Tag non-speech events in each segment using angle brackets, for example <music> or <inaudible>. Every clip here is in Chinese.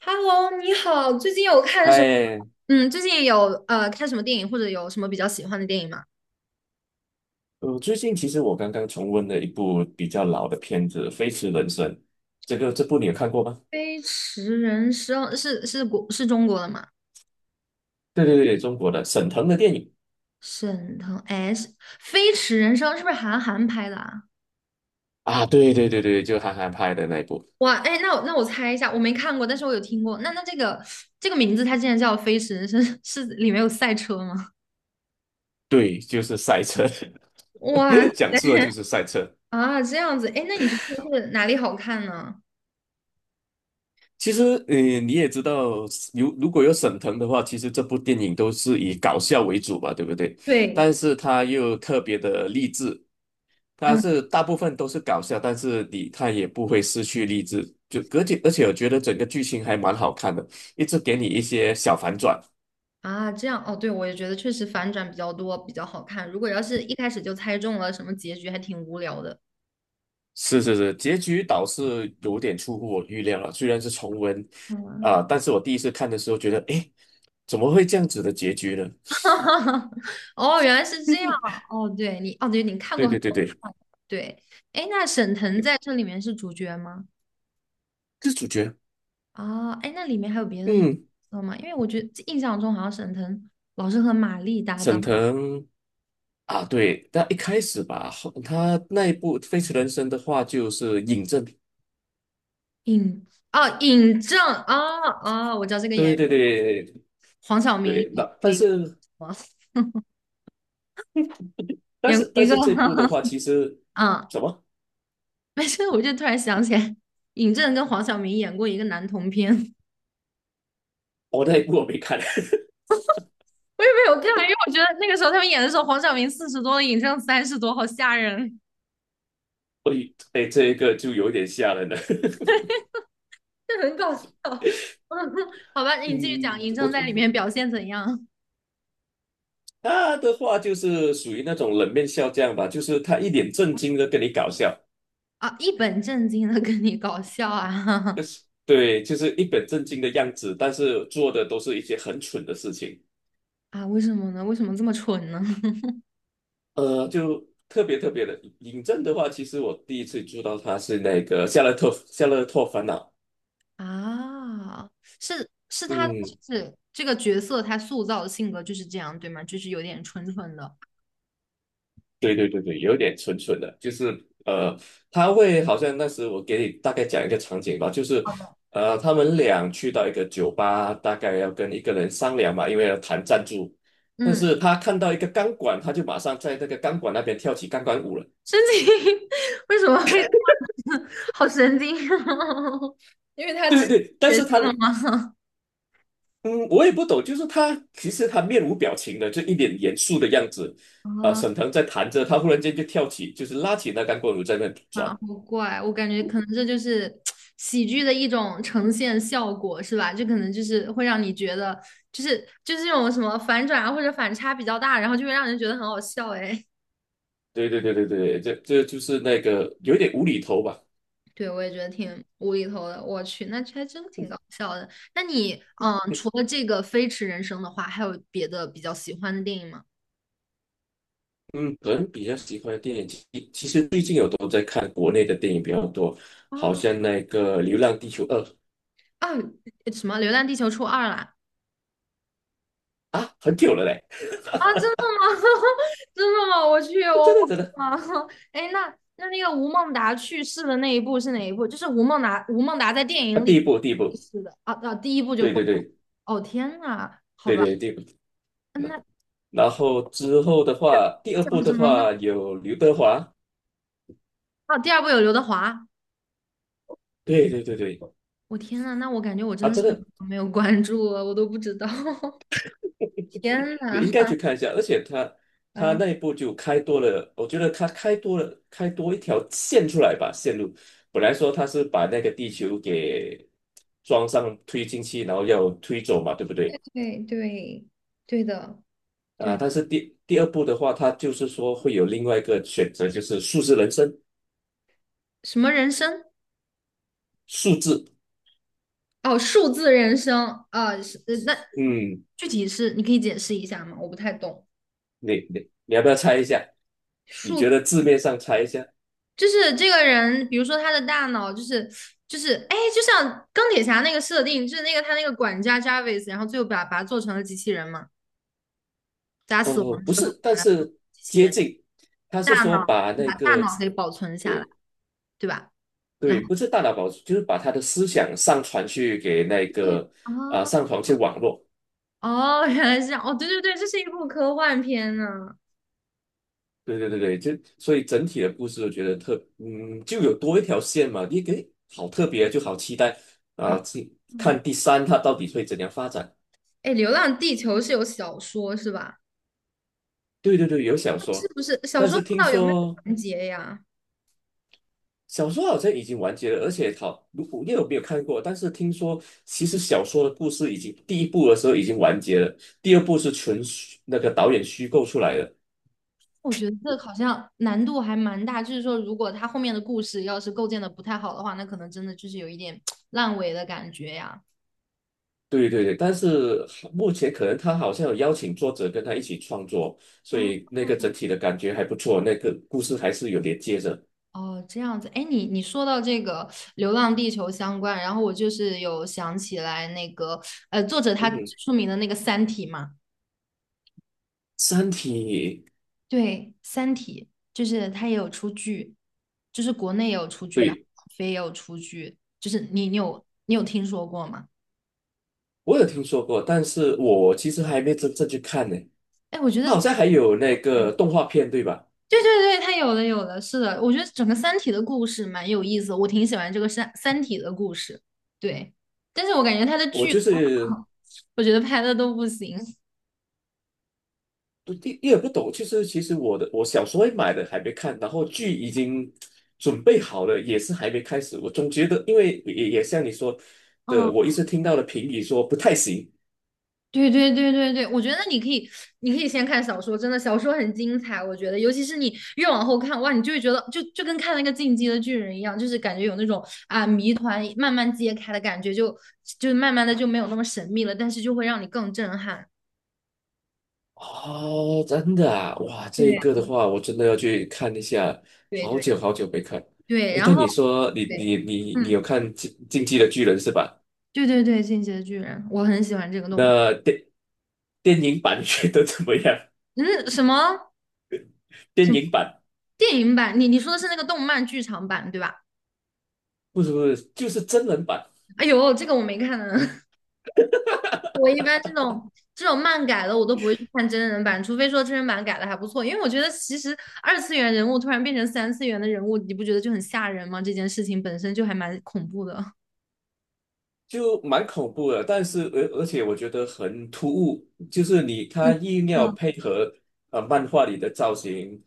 Hello，你好，最近有看什么？哎，嗯，最近有看什么电影，或者有什么比较喜欢的电影吗？我最近其实我刚刚重温了一部比较老的片子《飞驰人生》，这个这部你有看过吗？《飞驰人生》是是国是中国的吗？对对对，中国的沈腾的电影。沈腾，哎，飞驰人生》是不是韩寒拍的啊？啊，对对对对，就韩寒拍的那一部。哇，哎，那我猜一下，我没看过，但是我有听过。那这个名字，它竟然叫《飞驰人生》，是里面有赛车吗？对，就是赛车，<laughs> 哇 <laughs> 塞，讲述的就是赛车。啊，这样子，哎，那你觉得是哪里好看呢？其实，你也知道，如果有沈腾的话，其实这部电影都是以搞笑为主吧，对不对？对，但是他又特别的励志，它嗯。是大部分都是搞笑，但是你看也不会失去励志，就而且我觉得整个剧情还蛮好看的，一直给你一些小反转。啊，这样哦，对，我也觉得确实反转比较多，比较好看。如果要是一开始就猜中了什么结局，还挺无聊的。是是是，结局倒是有点出乎我预料了，虽然是重温，嗯，啊、但是我第一次看的时候觉得，诶，怎么会这样子的结局呢？<laughs> 哦，原来是这样啊。哦，对你，哦，对，你看对过很对对多。对，对，哎，那沈腾在这里面是主角吗？这主角，啊，哎，那里面还有别的角嗯，色吗？因为我觉得印象中好像沈腾老是和马丽搭沈档。腾啊，对，但一开始吧，后他那一部《飞驰人生》的话就是尹正，尹哦，尹正啊啊、哦我知道这个演对员，对对，黄晓明演对，过那但一个是什么？但演过是一但个，是这部的话，其 <laughs> 实嗯 什么？<laughs> 没事，我就突然想起来，尹正跟黄晓明演过一个男同片，<laughs> 我我那一部我没看，也没有看，因为我觉得那个时候他们演的时候，黄晓明40多了，尹正30多，好吓人，<laughs> 所以哎，这一个就有点吓人了。<laughs> 这很搞笑。<laughs> 嗯，好吧，<laughs> 你继续讲，嗯，尹我正觉在里得面表现怎样他的话就是属于那种冷面笑匠吧，就是他一脸正经的跟你搞笑，啊？一本正经的跟你搞笑啊 对，就是一本正经的样子，但是做的都是一些很蠢的事情。<laughs> 啊？为什么呢？为什么这么蠢呢？就特别特别的尹正的话，其实我第一次知道他是那个《夏洛特烦恼》。<laughs> 啊，是他就嗯，是这个角色他塑造的性格就是这样，对吗？就是有点蠢蠢的，对对对对，有点蠢蠢的，就是呃，他会好像那时我给你大概讲一个场景吧，就是他们俩去到一个酒吧，大概要跟一个人商量嘛，因为要谈赞助，但嗯。是他看到一个钢管，他就马上在那个钢管那边跳起钢管舞了。神经 <laughs> 为什么会这样子？<laughs> 好神经哦！<laughs> 因为他对之前对对，但决是他定了的吗？嗯，我也不懂，就是他其实他面无表情的，就一脸严肃的样子。啊，啊沈腾在弹着，他忽然间就跳起，就是拉起那钢管舞在那转。啊，好怪！我感觉可能这就是喜剧的一种呈现效果，是吧？就可能就是会让你觉得，就是这种什么反转啊，或者反差比较大，然后就会让人觉得很好笑。哎，对对对对对，这就是那个有一点无厘头吧。<laughs> 对，我也觉得挺无厘头的。我去，那还真挺搞笑的。那你，嗯，除了这个《飞驰人生》的话，还有别的比较喜欢的电影吗？嗯，个人比较喜欢的电影，其实最近有都在看国内的电影比较多，好啊。像那个《流浪地球二》啊，什么《流浪地球》出二了啊，很久了嘞，啊，真的吗？<laughs> 真的吗？我去，真我的真的忘了。<laughs> 哎，那那个吴孟达去世的那一部是哪一部？就是吴孟达，吴孟达在电啊，影第里一部第一去部，世的啊啊，第一部就对挂对了。对哦天呐，好对吧，对第一部，嗯那那然后之后的话，第是二讲部的什么呢？话有刘德华，啊，第二部有刘德华。对对对对，我天呐，那我感觉我真啊，的是真的没有关注了，我都不知道。<laughs> 天你呐，应该去看一下，而且他他啊，那一步就开多了，我觉得他开多了，开多一条线出来吧，线路。本来说他是把那个地球给装上推进器，然后要推走嘛，对不对？对对对的，啊，对但是第二步的话，他就是说会有另外一个选择，就是数字人生，什么人生？数字。哦，数字人生啊，是那嗯，具体是你可以解释一下吗？我不太懂。你要不要猜一下？你数觉得字面上猜一下？就是这个人，比如说他的大脑就是哎，就像钢铁侠那个设定，就是那个他那个管家 Jarvis，然后最后把他做成了机器人嘛，在他死呃，亡不之后是，但把他做成是机器接人，近。他是大说脑把那把大个。脑给保存下来，对。对吧？然对，后不是大脑保存，就是把他的思想上传去给那对个啊，啊、上传去网络。哦，原来是这样，哦，对对对，这是一部科幻片呢。对对对对，就所以整体的故事，我觉得特嗯，就有多一条线嘛，你给好特别，就好期待啊，啊，去嗯，看第三它到底会怎样发展。哎，《流浪地球》是有小说是吧？对对对，有小是说，不是小但说是不知听道有没有说完结呀？小说好像已经完结了，而且好，如果你有没有看过，但是听说其实小说的故事已经第一部的时候已经完结了，第二部是纯虚那个导演虚构出来的。我觉得这好像难度还蛮大，就是说，如果他后面的故事要是构建的不太好的话，那可能真的就是有一点烂尾的感觉呀。对对对，但是目前可能他好像有邀请作者跟他一起创作，所哦以那个整体的感觉还不错，那个故事还是有连接着。哦，这样子，哎，你说到这个《流浪地球》相关，然后我就是有想起来那个，作者他嗯最哼，出名的那个《三体》嘛，《三体》对，《三体》就是他也有出剧，就是国内也有出剧，然后对网飞也有出剧，就是你有听说过吗？我有听说过，但是我其实还没真正去看呢。哎，我觉得他好像还有那个动画片，对吧？对对对，它有的有的，是的，我觉得整个《三体》的故事蛮有意思的，我挺喜欢这个《三体》的故事。对，但是我感觉它的我剧，就是我觉得拍的都不行。不第一也不懂，就是其实我的我小时候会买的还没看，然后剧已经准备好了，也是还没开始。我总觉得，因为也像你说的，嗯，我一直听到了评语说不太行。对对对对对，我觉得你可以，你可以先看小说，真的小说很精彩，我觉得，尤其是你越往后看，哇，你就会觉得就跟看那个《进击的巨人》一样，就是感觉有那种啊谜团慢慢揭开的感觉，就慢慢的就没有那么神秘了，但是就会让你更震撼。哦，真的啊，哇，这个对的话，我真的要去看一下，对好对久好久没看。对，诶，然但后你说你对。你你你有嗯。看《进击的巨人》是吧？对对对，《进击的巨人》，我很喜欢这个动漫。那电影版觉得怎么样？嗯，什么 <laughs> 什电么影版电影版？你你说的是那个动漫剧场版对吧？不是不是，就是真人版。哎呦，这个我没看呢。<laughs> 我一般这种漫改的，我都不会去看真人版，除非说真人版改的还不错。因为我觉得其实二次元人物突然变成三次元的人物，你不觉得就很吓人吗？这件事情本身就还蛮恐怖的。就蛮恐怖的，但是而且我觉得很突兀，就是你 <laughs> 他是硬要的。配合呃漫画里的造型，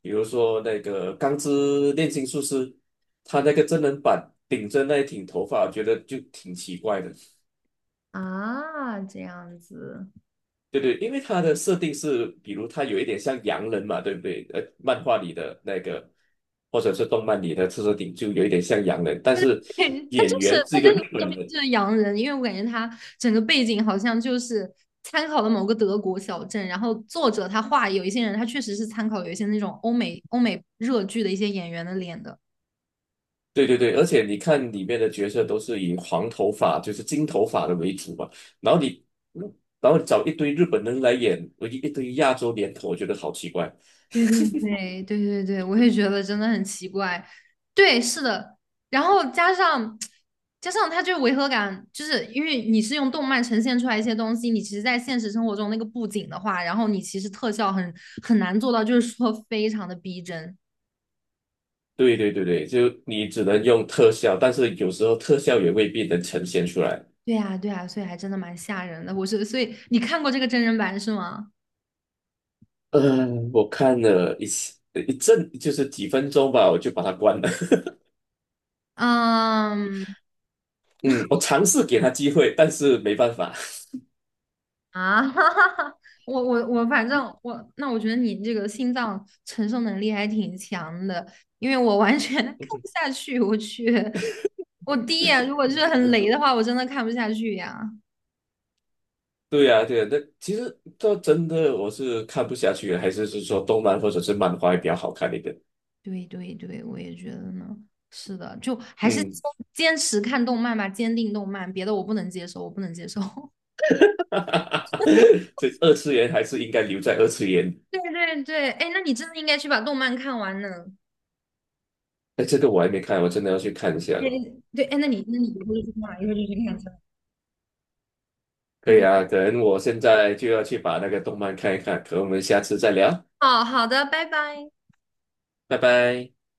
比如说那个《钢之炼金术师》，他那个真人版顶着那一顶头发，我觉得就挺奇怪的。<laughs> 啊，这样子。对对，因为他的设定是，比如他有一点像洋人嘛，对不对？呃，漫画里的那个，或者是动漫里的设顶就有一点像洋人，但是对，他演就是员是他一就个日是后本面人，就是洋人，因为我感觉他整个背景好像就是参考了某个德国小镇，然后作者他画有一些人，他确实是参考有一些那种欧美热剧的一些演员的脸的。对对对，而且你看里面的角色都是以黄头发，就是金头发的为主嘛，然后你，嗯然后找一堆日本人来演，我一堆亚洲脸孔，我觉得好奇怪。对对对对对对，我也觉得真的很奇怪。对，是的，然后加上他这个违和感，就是因为你是用动漫呈现出来一些东西，你其实在现实生活中那个布景的话，然后你其实特效很难做到，就是说非常的逼真。对对对对，就你只能用特效，但是有时候特效也未必能呈现出来。对呀，对呀，所以还真的蛮吓人的。我是，所以你看过这个真人版是吗？嗯，我看了一次一阵，就是几分钟吧，我就把它关了。<laughs> 嗯嗯，我尝试给他机会，但是没办法。啊，<laughs> 我，反正我，那我觉得你这个心脏承受能力还挺强的，因为我完全 <laughs> 看不 <laughs> 下去。我去，我第一眼如果是很嗯，雷的话，我真的看不下去呀。对呀，对呀，那其实这真的我是看不下去的还是是说动漫或者是漫画会比较好看一点。对对对，我也觉得呢。是的，就还是嗯，坚持看动漫吧，坚定动漫，别的我不能接受，我不能接受。<laughs> 这二次元还是应该留在二次元。<laughs> 对对对，哎，那你真的应该去把动漫看完呢。哎，这个我还没看，我真的要去看一下。哎，对，哎，那你一会儿就去干嘛？一会儿就去看去了就可以是，啊，可能我现在就要去把那个动漫看一看，可能我们下次再聊，哦，好的，拜拜。拜拜。